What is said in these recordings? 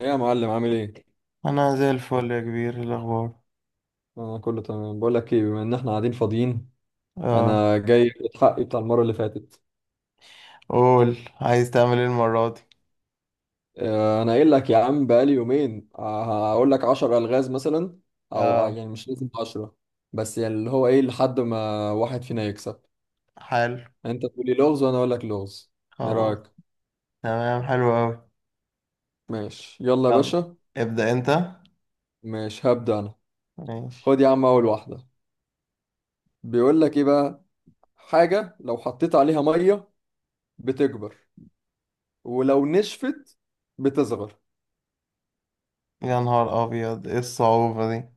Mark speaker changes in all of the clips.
Speaker 1: ايه يا معلم عامل ايه؟
Speaker 2: انا زي الفل يا كبير، إيه الاخبار؟
Speaker 1: انا كله تمام. بقول لك ايه، بما ان احنا قاعدين فاضيين،
Speaker 2: اه،
Speaker 1: انا جاي في حقي بتاع المره اللي فاتت.
Speaker 2: قول عايز تعمل ايه المره دي؟
Speaker 1: انا قايل لك يا عم بقالي يومين، هقول لك 10 الغاز مثلا، او
Speaker 2: اه.
Speaker 1: يعني مش لازم 10، بس يعني اللي هو ايه لحد ما واحد فينا يكسب.
Speaker 2: حلو.
Speaker 1: انت تقول لي لغز وانا اقول لك لغز. ايه
Speaker 2: خلاص.
Speaker 1: رايك؟
Speaker 2: تمام، حلو قوي.
Speaker 1: ماشي يلا يا
Speaker 2: يلا،
Speaker 1: باشا.
Speaker 2: ابدا انت.
Speaker 1: ماشي هبدا انا.
Speaker 2: ماشي.
Speaker 1: خد يا عم اول واحده. بيقول لك ايه بقى: حاجه لو حطيت عليها ميه بتكبر، ولو نشفت بتصغر.
Speaker 2: يا نهار ابيض، ايه الصعوبه دي؟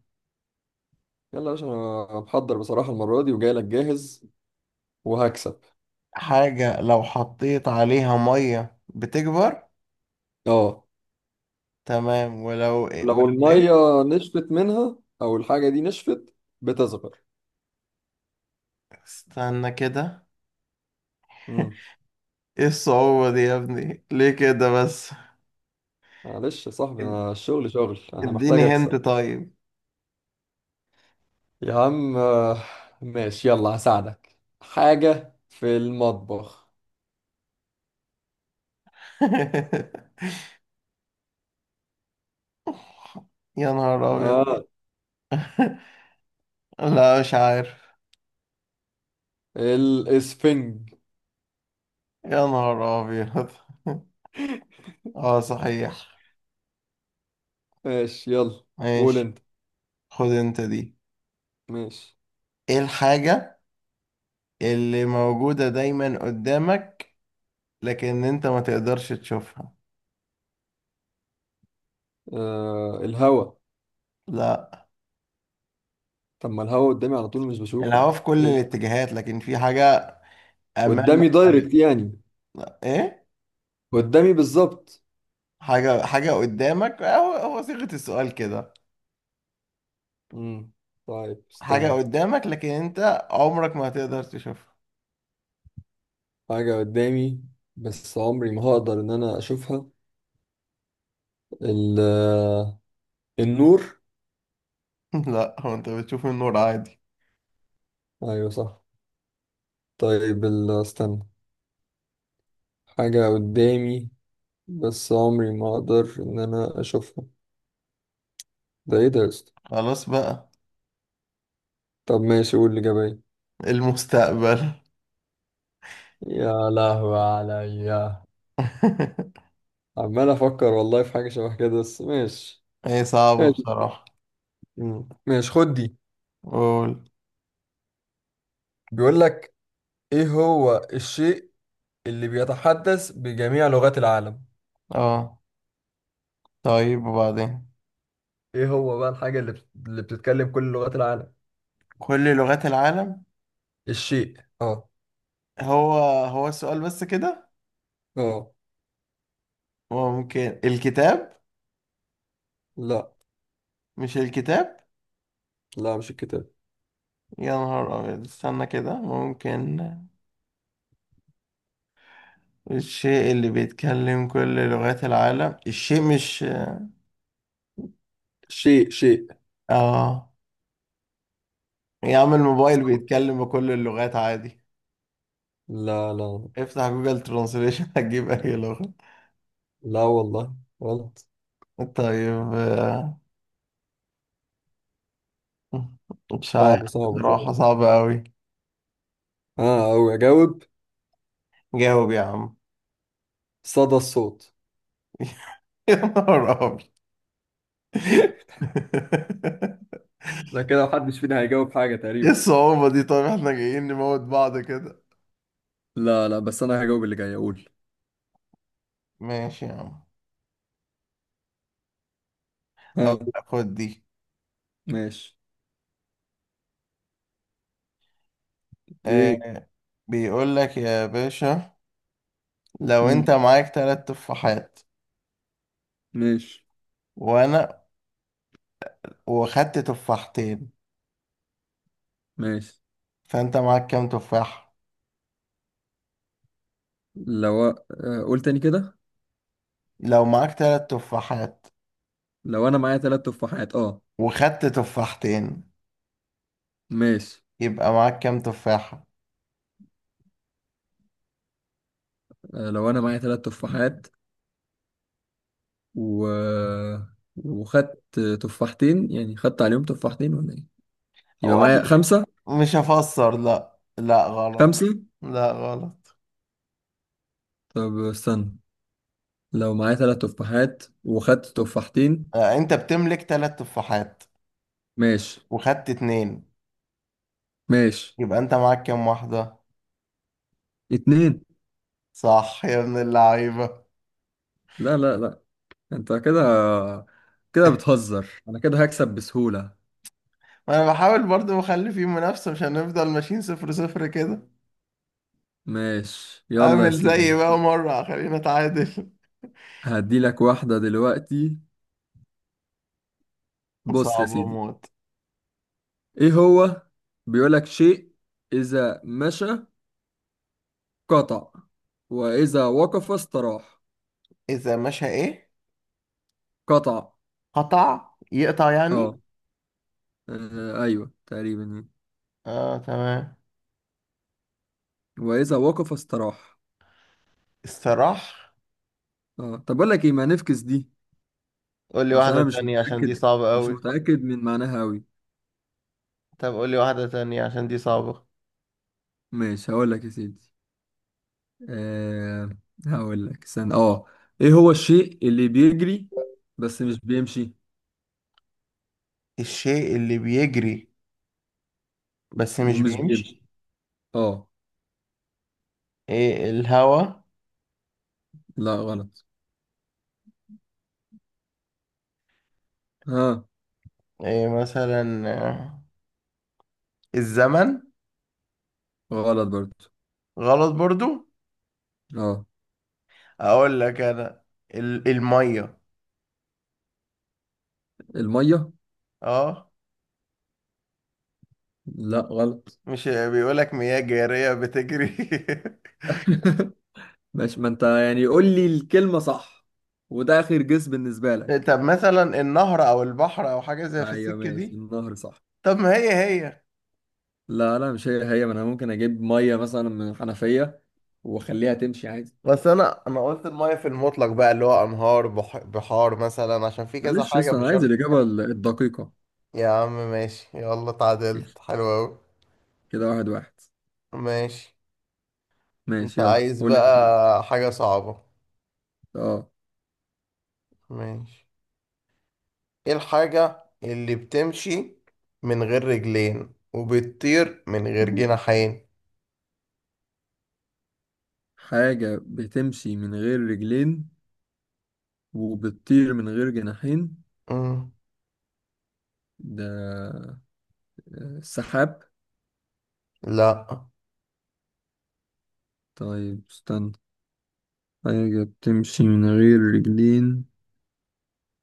Speaker 1: يلا يا باشا، انا محضر بصراحة المرة دي وجاي لك جاهز وهكسب.
Speaker 2: حاجه لو حطيت عليها ميه بتكبر.
Speaker 1: اه،
Speaker 2: تمام، ولو إيه؟
Speaker 1: لو
Speaker 2: ولو ايه؟
Speaker 1: المية نشفت منها او الحاجة دي نشفت بتصغر.
Speaker 2: استنى كده.
Speaker 1: امم
Speaker 2: ايه الصعوبه دي يا ابني؟ ليه كده بس؟
Speaker 1: معلش يا صاحبي،
Speaker 2: إد-
Speaker 1: انا الشغل شغل، انا
Speaker 2: اديني
Speaker 1: محتاج
Speaker 2: هنت
Speaker 1: اكسب.
Speaker 2: طيب.
Speaker 1: يا عم، ماشي يلا، هساعدك حاجة في المطبخ.
Speaker 2: يا نهار ابيض.
Speaker 1: اه،
Speaker 2: لا، مش عارف.
Speaker 1: الاسفنج.
Speaker 2: يا نهار أبيض. اه صحيح.
Speaker 1: ماشي يلا، قول
Speaker 2: ماشي.
Speaker 1: انت.
Speaker 2: خد انت دي.
Speaker 1: ماشي.
Speaker 2: ايه الحاجة اللي موجودة دايما قدامك لكن انت ما تقدرش تشوفها؟
Speaker 1: آه الهوا.
Speaker 2: لا،
Speaker 1: طب ما الهوا قدامي على طول، مش بشوفه.
Speaker 2: الهوا في كل
Speaker 1: إيه ده؟
Speaker 2: الاتجاهات، لكن في حاجة أمامك.
Speaker 1: قدامي دايركت يعني؟
Speaker 2: لا. ايه؟
Speaker 1: قدامي بالظبط.
Speaker 2: حاجة، حاجة قدامك، هو هو صيغة السؤال كده.
Speaker 1: مم. طيب
Speaker 2: حاجة
Speaker 1: استنى.
Speaker 2: قدامك لكن انت عمرك ما هتقدر تشوفها.
Speaker 1: حاجة قدامي بس عمري ما هقدر إن أنا أشوفها. ال النور.
Speaker 2: لا، هو انت بتشوف النور عادي.
Speaker 1: أيوة صح. طيب استنى. حاجة قدامي بس عمري ما أقدر إن أنا أشوفها. ده إيه ده يا اسطى؟
Speaker 2: خلاص بقى.
Speaker 1: طب ماشي، قول الإجابة إيه.
Speaker 2: المستقبل.
Speaker 1: يا لهوي عليا. عمال أفكر والله في حاجة شبه كده، بس ماشي.
Speaker 2: هي صعبة
Speaker 1: ماشي.
Speaker 2: بصراحة.
Speaker 1: مم. ماشي خد دي.
Speaker 2: قول.
Speaker 1: بيقول لك: إيه هو الشيء اللي بيتحدث بجميع لغات العالم؟
Speaker 2: اه، طيب وبعدين.
Speaker 1: ايه هو بقى الحاجة اللي اللي بتتكلم كل لغات العالم؟
Speaker 2: كل لغات العالم.
Speaker 1: الشيء، اه.
Speaker 2: هو هو السؤال بس كده؟
Speaker 1: اه.
Speaker 2: ممكن الكتاب.
Speaker 1: لا
Speaker 2: مش الكتاب.
Speaker 1: لا، مش الكتاب.
Speaker 2: يا نهار أبيض، استنى كده، ممكن. الشيء اللي بيتكلم كل لغات العالم، الشيء مش.
Speaker 1: شيء شيء.
Speaker 2: اه، يا عم الموبايل بيتكلم بكل اللغات عادي،
Speaker 1: لا لا
Speaker 2: افتح جوجل ترانسليشن. هتجيب أي لغة.
Speaker 1: لا والله، غلط.
Speaker 2: طيب، مش عارف
Speaker 1: صعب صعب صعب.
Speaker 2: بصراحة، صعبة أوي.
Speaker 1: اه، او اجاوب:
Speaker 2: جاوب يا عم.
Speaker 1: صدى الصوت.
Speaker 2: يا نهار أبيض.
Speaker 1: ده كده محدش فينا هيجاوب حاجة
Speaker 2: ايه
Speaker 1: تقريبا.
Speaker 2: الصعوبة دي؟ طيب احنا جايين نموت بعض كده.
Speaker 1: لا لا، بس انا هجاوب اللي جاي. اقول،
Speaker 2: ماشي يا عم. اقول
Speaker 1: ها؟
Speaker 2: لك، خد دي.
Speaker 1: ماشي. ايه.
Speaker 2: آه. بيقول لك يا باشا، لو انت
Speaker 1: مم.
Speaker 2: معاك 3 تفاحات
Speaker 1: ماشي.
Speaker 2: وانا، واخدت تفاحتين،
Speaker 1: ماشي
Speaker 2: فانت معاك كام تفاح؟
Speaker 1: لو أ- قول تاني كده.
Speaker 2: لو معاك 3 تفاحات
Speaker 1: لو انا معايا 3 تفاحات، اه.
Speaker 2: وخدت تفاحتين،
Speaker 1: ماشي.
Speaker 2: يبقى معاك كام تفاحة؟
Speaker 1: لو انا معايا ثلاث تفاحات و... وخدت تفاحتين، يعني خدت عليهم تفاحتين ولا ايه؟ يبقى
Speaker 2: هو قال
Speaker 1: معايا
Speaker 2: لي،
Speaker 1: خمسة.
Speaker 2: مش هفسر. لا لا، غلط.
Speaker 1: خمسة.
Speaker 2: لا غلط.
Speaker 1: طب استنى، لو معايا 3 تفاحات وخدت تفاحتين.
Speaker 2: آه انت بتملك 3 تفاحات
Speaker 1: ماشي.
Speaker 2: وخدت اتنين،
Speaker 1: ماشي.
Speaker 2: يبقى انت معاك كام واحدة؟
Speaker 1: اتنين.
Speaker 2: صح يا ابن اللعيبة.
Speaker 1: لا لا لا. انت كده، كده بتهزر، انا كده هكسب بسهولة.
Speaker 2: ما انا بحاول برضو اخلي فيه منافسة، مش هنفضل ماشيين 0-0 كده.
Speaker 1: ماشي يلا يا
Speaker 2: اعمل زي بقى
Speaker 1: سيدي،
Speaker 2: مرة، خلينا اتعادل.
Speaker 1: هديلك واحدة دلوقتي. بص يا
Speaker 2: صعب
Speaker 1: سيدي،
Speaker 2: اموت.
Speaker 1: ايه هو؟ بيقولك شيء اذا مشى قطع، واذا وقف استراح.
Speaker 2: اذا مشى ايه؟
Speaker 1: قطع.
Speaker 2: قطع، يقطع يعني.
Speaker 1: اه، ايوه تقريبا يعني.
Speaker 2: اه تمام.
Speaker 1: واذا وقف استراح.
Speaker 2: استراح.
Speaker 1: اه، طب اقول لك ايه، ما نفكس دي،
Speaker 2: قول لي
Speaker 1: عشان
Speaker 2: واحدة
Speaker 1: انا مش
Speaker 2: تانية عشان دي
Speaker 1: متاكد،
Speaker 2: صعبة
Speaker 1: مش
Speaker 2: قوي.
Speaker 1: متاكد من معناها قوي.
Speaker 2: طب قول لي واحدة تانية عشان دي صعبة.
Speaker 1: ماشي هقول لك يا سيدي. آه هقول لك استنى، اه. ايه هو الشيء اللي بيجري بس مش بيمشي؟
Speaker 2: الشيء اللي بيجري بس مش
Speaker 1: ومش بيمشي،
Speaker 2: بيمشي.
Speaker 1: اه.
Speaker 2: ايه، الهوا؟
Speaker 1: لا غلط. ها؟
Speaker 2: ايه مثلا، الزمن؟
Speaker 1: غلط برضه.
Speaker 2: غلط برضو.
Speaker 1: اه.
Speaker 2: اقول لك انا، الميه.
Speaker 1: الميه.
Speaker 2: اه.
Speaker 1: لا غلط.
Speaker 2: مش بيقول لك مياه جاريه بتجري؟
Speaker 1: ماشي، ما انت يعني قول لي الكلمه صح، وده اخر جس بالنسبه لك.
Speaker 2: طب مثلا النهر او البحر او حاجه زي في
Speaker 1: ايوه
Speaker 2: السكه
Speaker 1: ماشي،
Speaker 2: دي.
Speaker 1: النهر صح.
Speaker 2: طب ما هي هي.
Speaker 1: لا لا، مش هي هي، ما انا ممكن اجيب ميه مثلا من الحنفيه واخليها تمشي عادي.
Speaker 2: بس انا قلت الميه في المطلق بقى، اللي هو انهار، بحار مثلا، عشان في كذا
Speaker 1: معلش يا
Speaker 2: حاجه
Speaker 1: اسطى، انا
Speaker 2: مش
Speaker 1: عايز
Speaker 2: شرط.
Speaker 1: الاجابه الدقيقه.
Speaker 2: يا عم ماشي، يلا
Speaker 1: ماشي.
Speaker 2: تعادلت، حلو قوي.
Speaker 1: كده واحد واحد.
Speaker 2: ماشي. انت
Speaker 1: ماشي يلا
Speaker 2: عايز
Speaker 1: قول انت.
Speaker 2: بقى حاجه صعبه.
Speaker 1: اه.
Speaker 2: ماشي. ايه الحاجة اللي بتمشي من غير رجلين وبتطير من غير جناحين؟
Speaker 1: حاجه بتمشي من غير رجلين وبتطير من غير جناحين.
Speaker 2: مم.
Speaker 1: ده السحاب.
Speaker 2: لا.
Speaker 1: طيب استنى. حاجه بتمشي من غير رجلين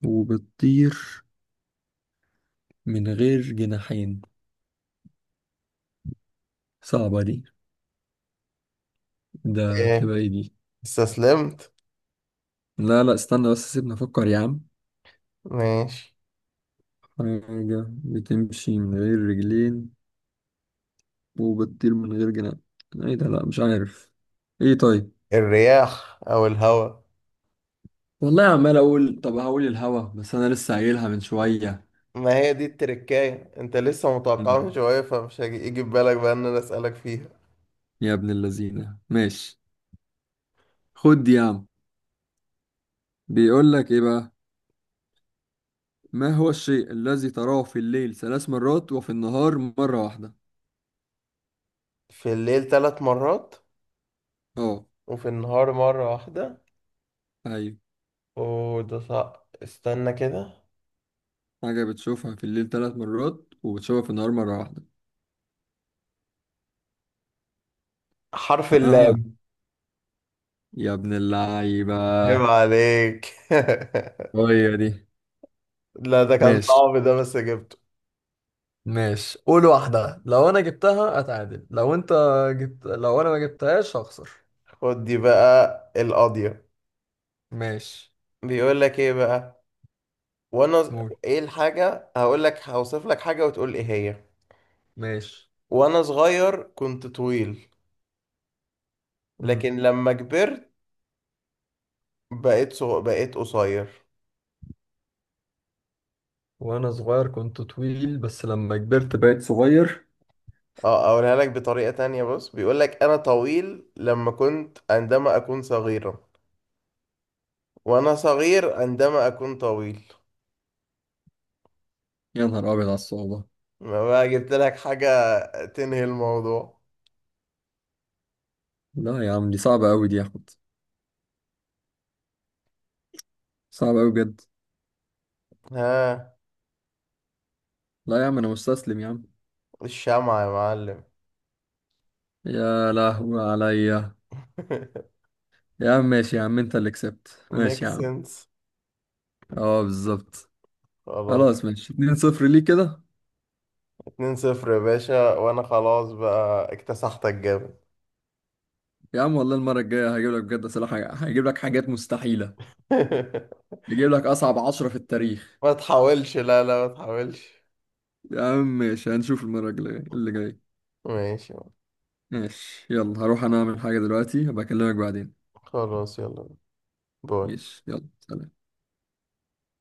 Speaker 1: وبتطير من غير جناحين. صعبه دي. ده
Speaker 2: ايه؟
Speaker 1: تبقى ايه دي؟
Speaker 2: استسلمت.
Speaker 1: لا لا استنى بس، سيبني افكر يا عم.
Speaker 2: ماشي.
Speaker 1: حاجة بتمشي من غير رجلين وبتطير من غير جناح. ايه ده؟ لا مش عارف. ايه طيب؟
Speaker 2: الرياح او الهواء.
Speaker 1: والله عمال اقول، طب هقول الهوا بس انا لسه قايلها من شوية.
Speaker 2: ما هي دي التركاية، انت لسه متوقعها من
Speaker 1: مم.
Speaker 2: شوية، فمش هيجي يجي في بالك بقى ان انا اسألك فيها.
Speaker 1: يا ابن اللذينة، ماشي. خد دي يا عم. بيقول لك ايه بقى: ما هو الشيء الذي تراه في الليل 3 مرات وفي النهار مرة واحدة؟
Speaker 2: في الليل 3 مرات
Speaker 1: اه.
Speaker 2: وفي النهار مرة واحدة.
Speaker 1: ايوه.
Speaker 2: وده صعب، استنى كده.
Speaker 1: حاجة بتشوفها في الليل 3 مرات وبتشوفها في النهار مرة واحدة.
Speaker 2: حرف
Speaker 1: اه.
Speaker 2: اللام.
Speaker 1: يا ابن اللعيبة،
Speaker 2: عيب عليك.
Speaker 1: هي دي.
Speaker 2: لا، ده كان
Speaker 1: ماشي.
Speaker 2: صعب، ده بس جبته.
Speaker 1: ماشي قول واحدة، لو أنا جبتها أتعادل، لو أنت جبت، لو أنا ما جبتهاش هخسر.
Speaker 2: خد دي بقى القاضية.
Speaker 1: ماشي.
Speaker 2: بيقول لك ايه بقى. وانا ز-
Speaker 1: قول.
Speaker 2: ايه الحاجة؟ هقول لك، هوصف لك حاجة وتقول ايه هي.
Speaker 1: ماشي.
Speaker 2: وانا صغير كنت طويل،
Speaker 1: مم.
Speaker 2: لكن لما كبرت بقيت قصير.
Speaker 1: وأنا صغير كنت طويل، بس لما كبرت بقيت صغير.
Speaker 2: اه، اقولها لك بطريقة تانية. بص بيقول لك انا طويل لما كنت، عندما اكون صغيرا، وانا صغير عندما اكون طويل.
Speaker 1: يا نهار أبيض على الصعوبة.
Speaker 2: ما بقى جبت لك حاجة تنهي الموضوع.
Speaker 1: لا يا عم دي صعبة أوي دي يا أحمد، صعبة أوي بجد.
Speaker 2: ها.
Speaker 1: لا يا عم أنا مستسلم يا عم.
Speaker 2: الشمعة يا معلم.
Speaker 1: يا لهوي عليا. يا عم ماشي، يا عم أنت اللي كسبت،
Speaker 2: ميك
Speaker 1: ماشي يا عم.
Speaker 2: سنس.
Speaker 1: أه بالظبط.
Speaker 2: خلاص.
Speaker 1: خلاص ماشي 2-0. ليه كده؟
Speaker 2: 2-0 يا باشا، وانا خلاص بقى اكتسحتك جامد.
Speaker 1: يا عم والله المرة الجاية هجيب لك بجد أسئلة، حاجة هجيب لك حاجات مستحيلة. هجيب لك أصعب 10 في التاريخ.
Speaker 2: ما تحاولش، لا لا ما تحاولش.
Speaker 1: يا عم ماشي، هنشوف المرة الجاية اللي جاية.
Speaker 2: ماشي.
Speaker 1: ماشي يلا، هروح أنا أعمل حاجة دلوقتي، هبقى أكلمك بعدين.
Speaker 2: خلاص يلا. باي.
Speaker 1: ماشي يلا سلام.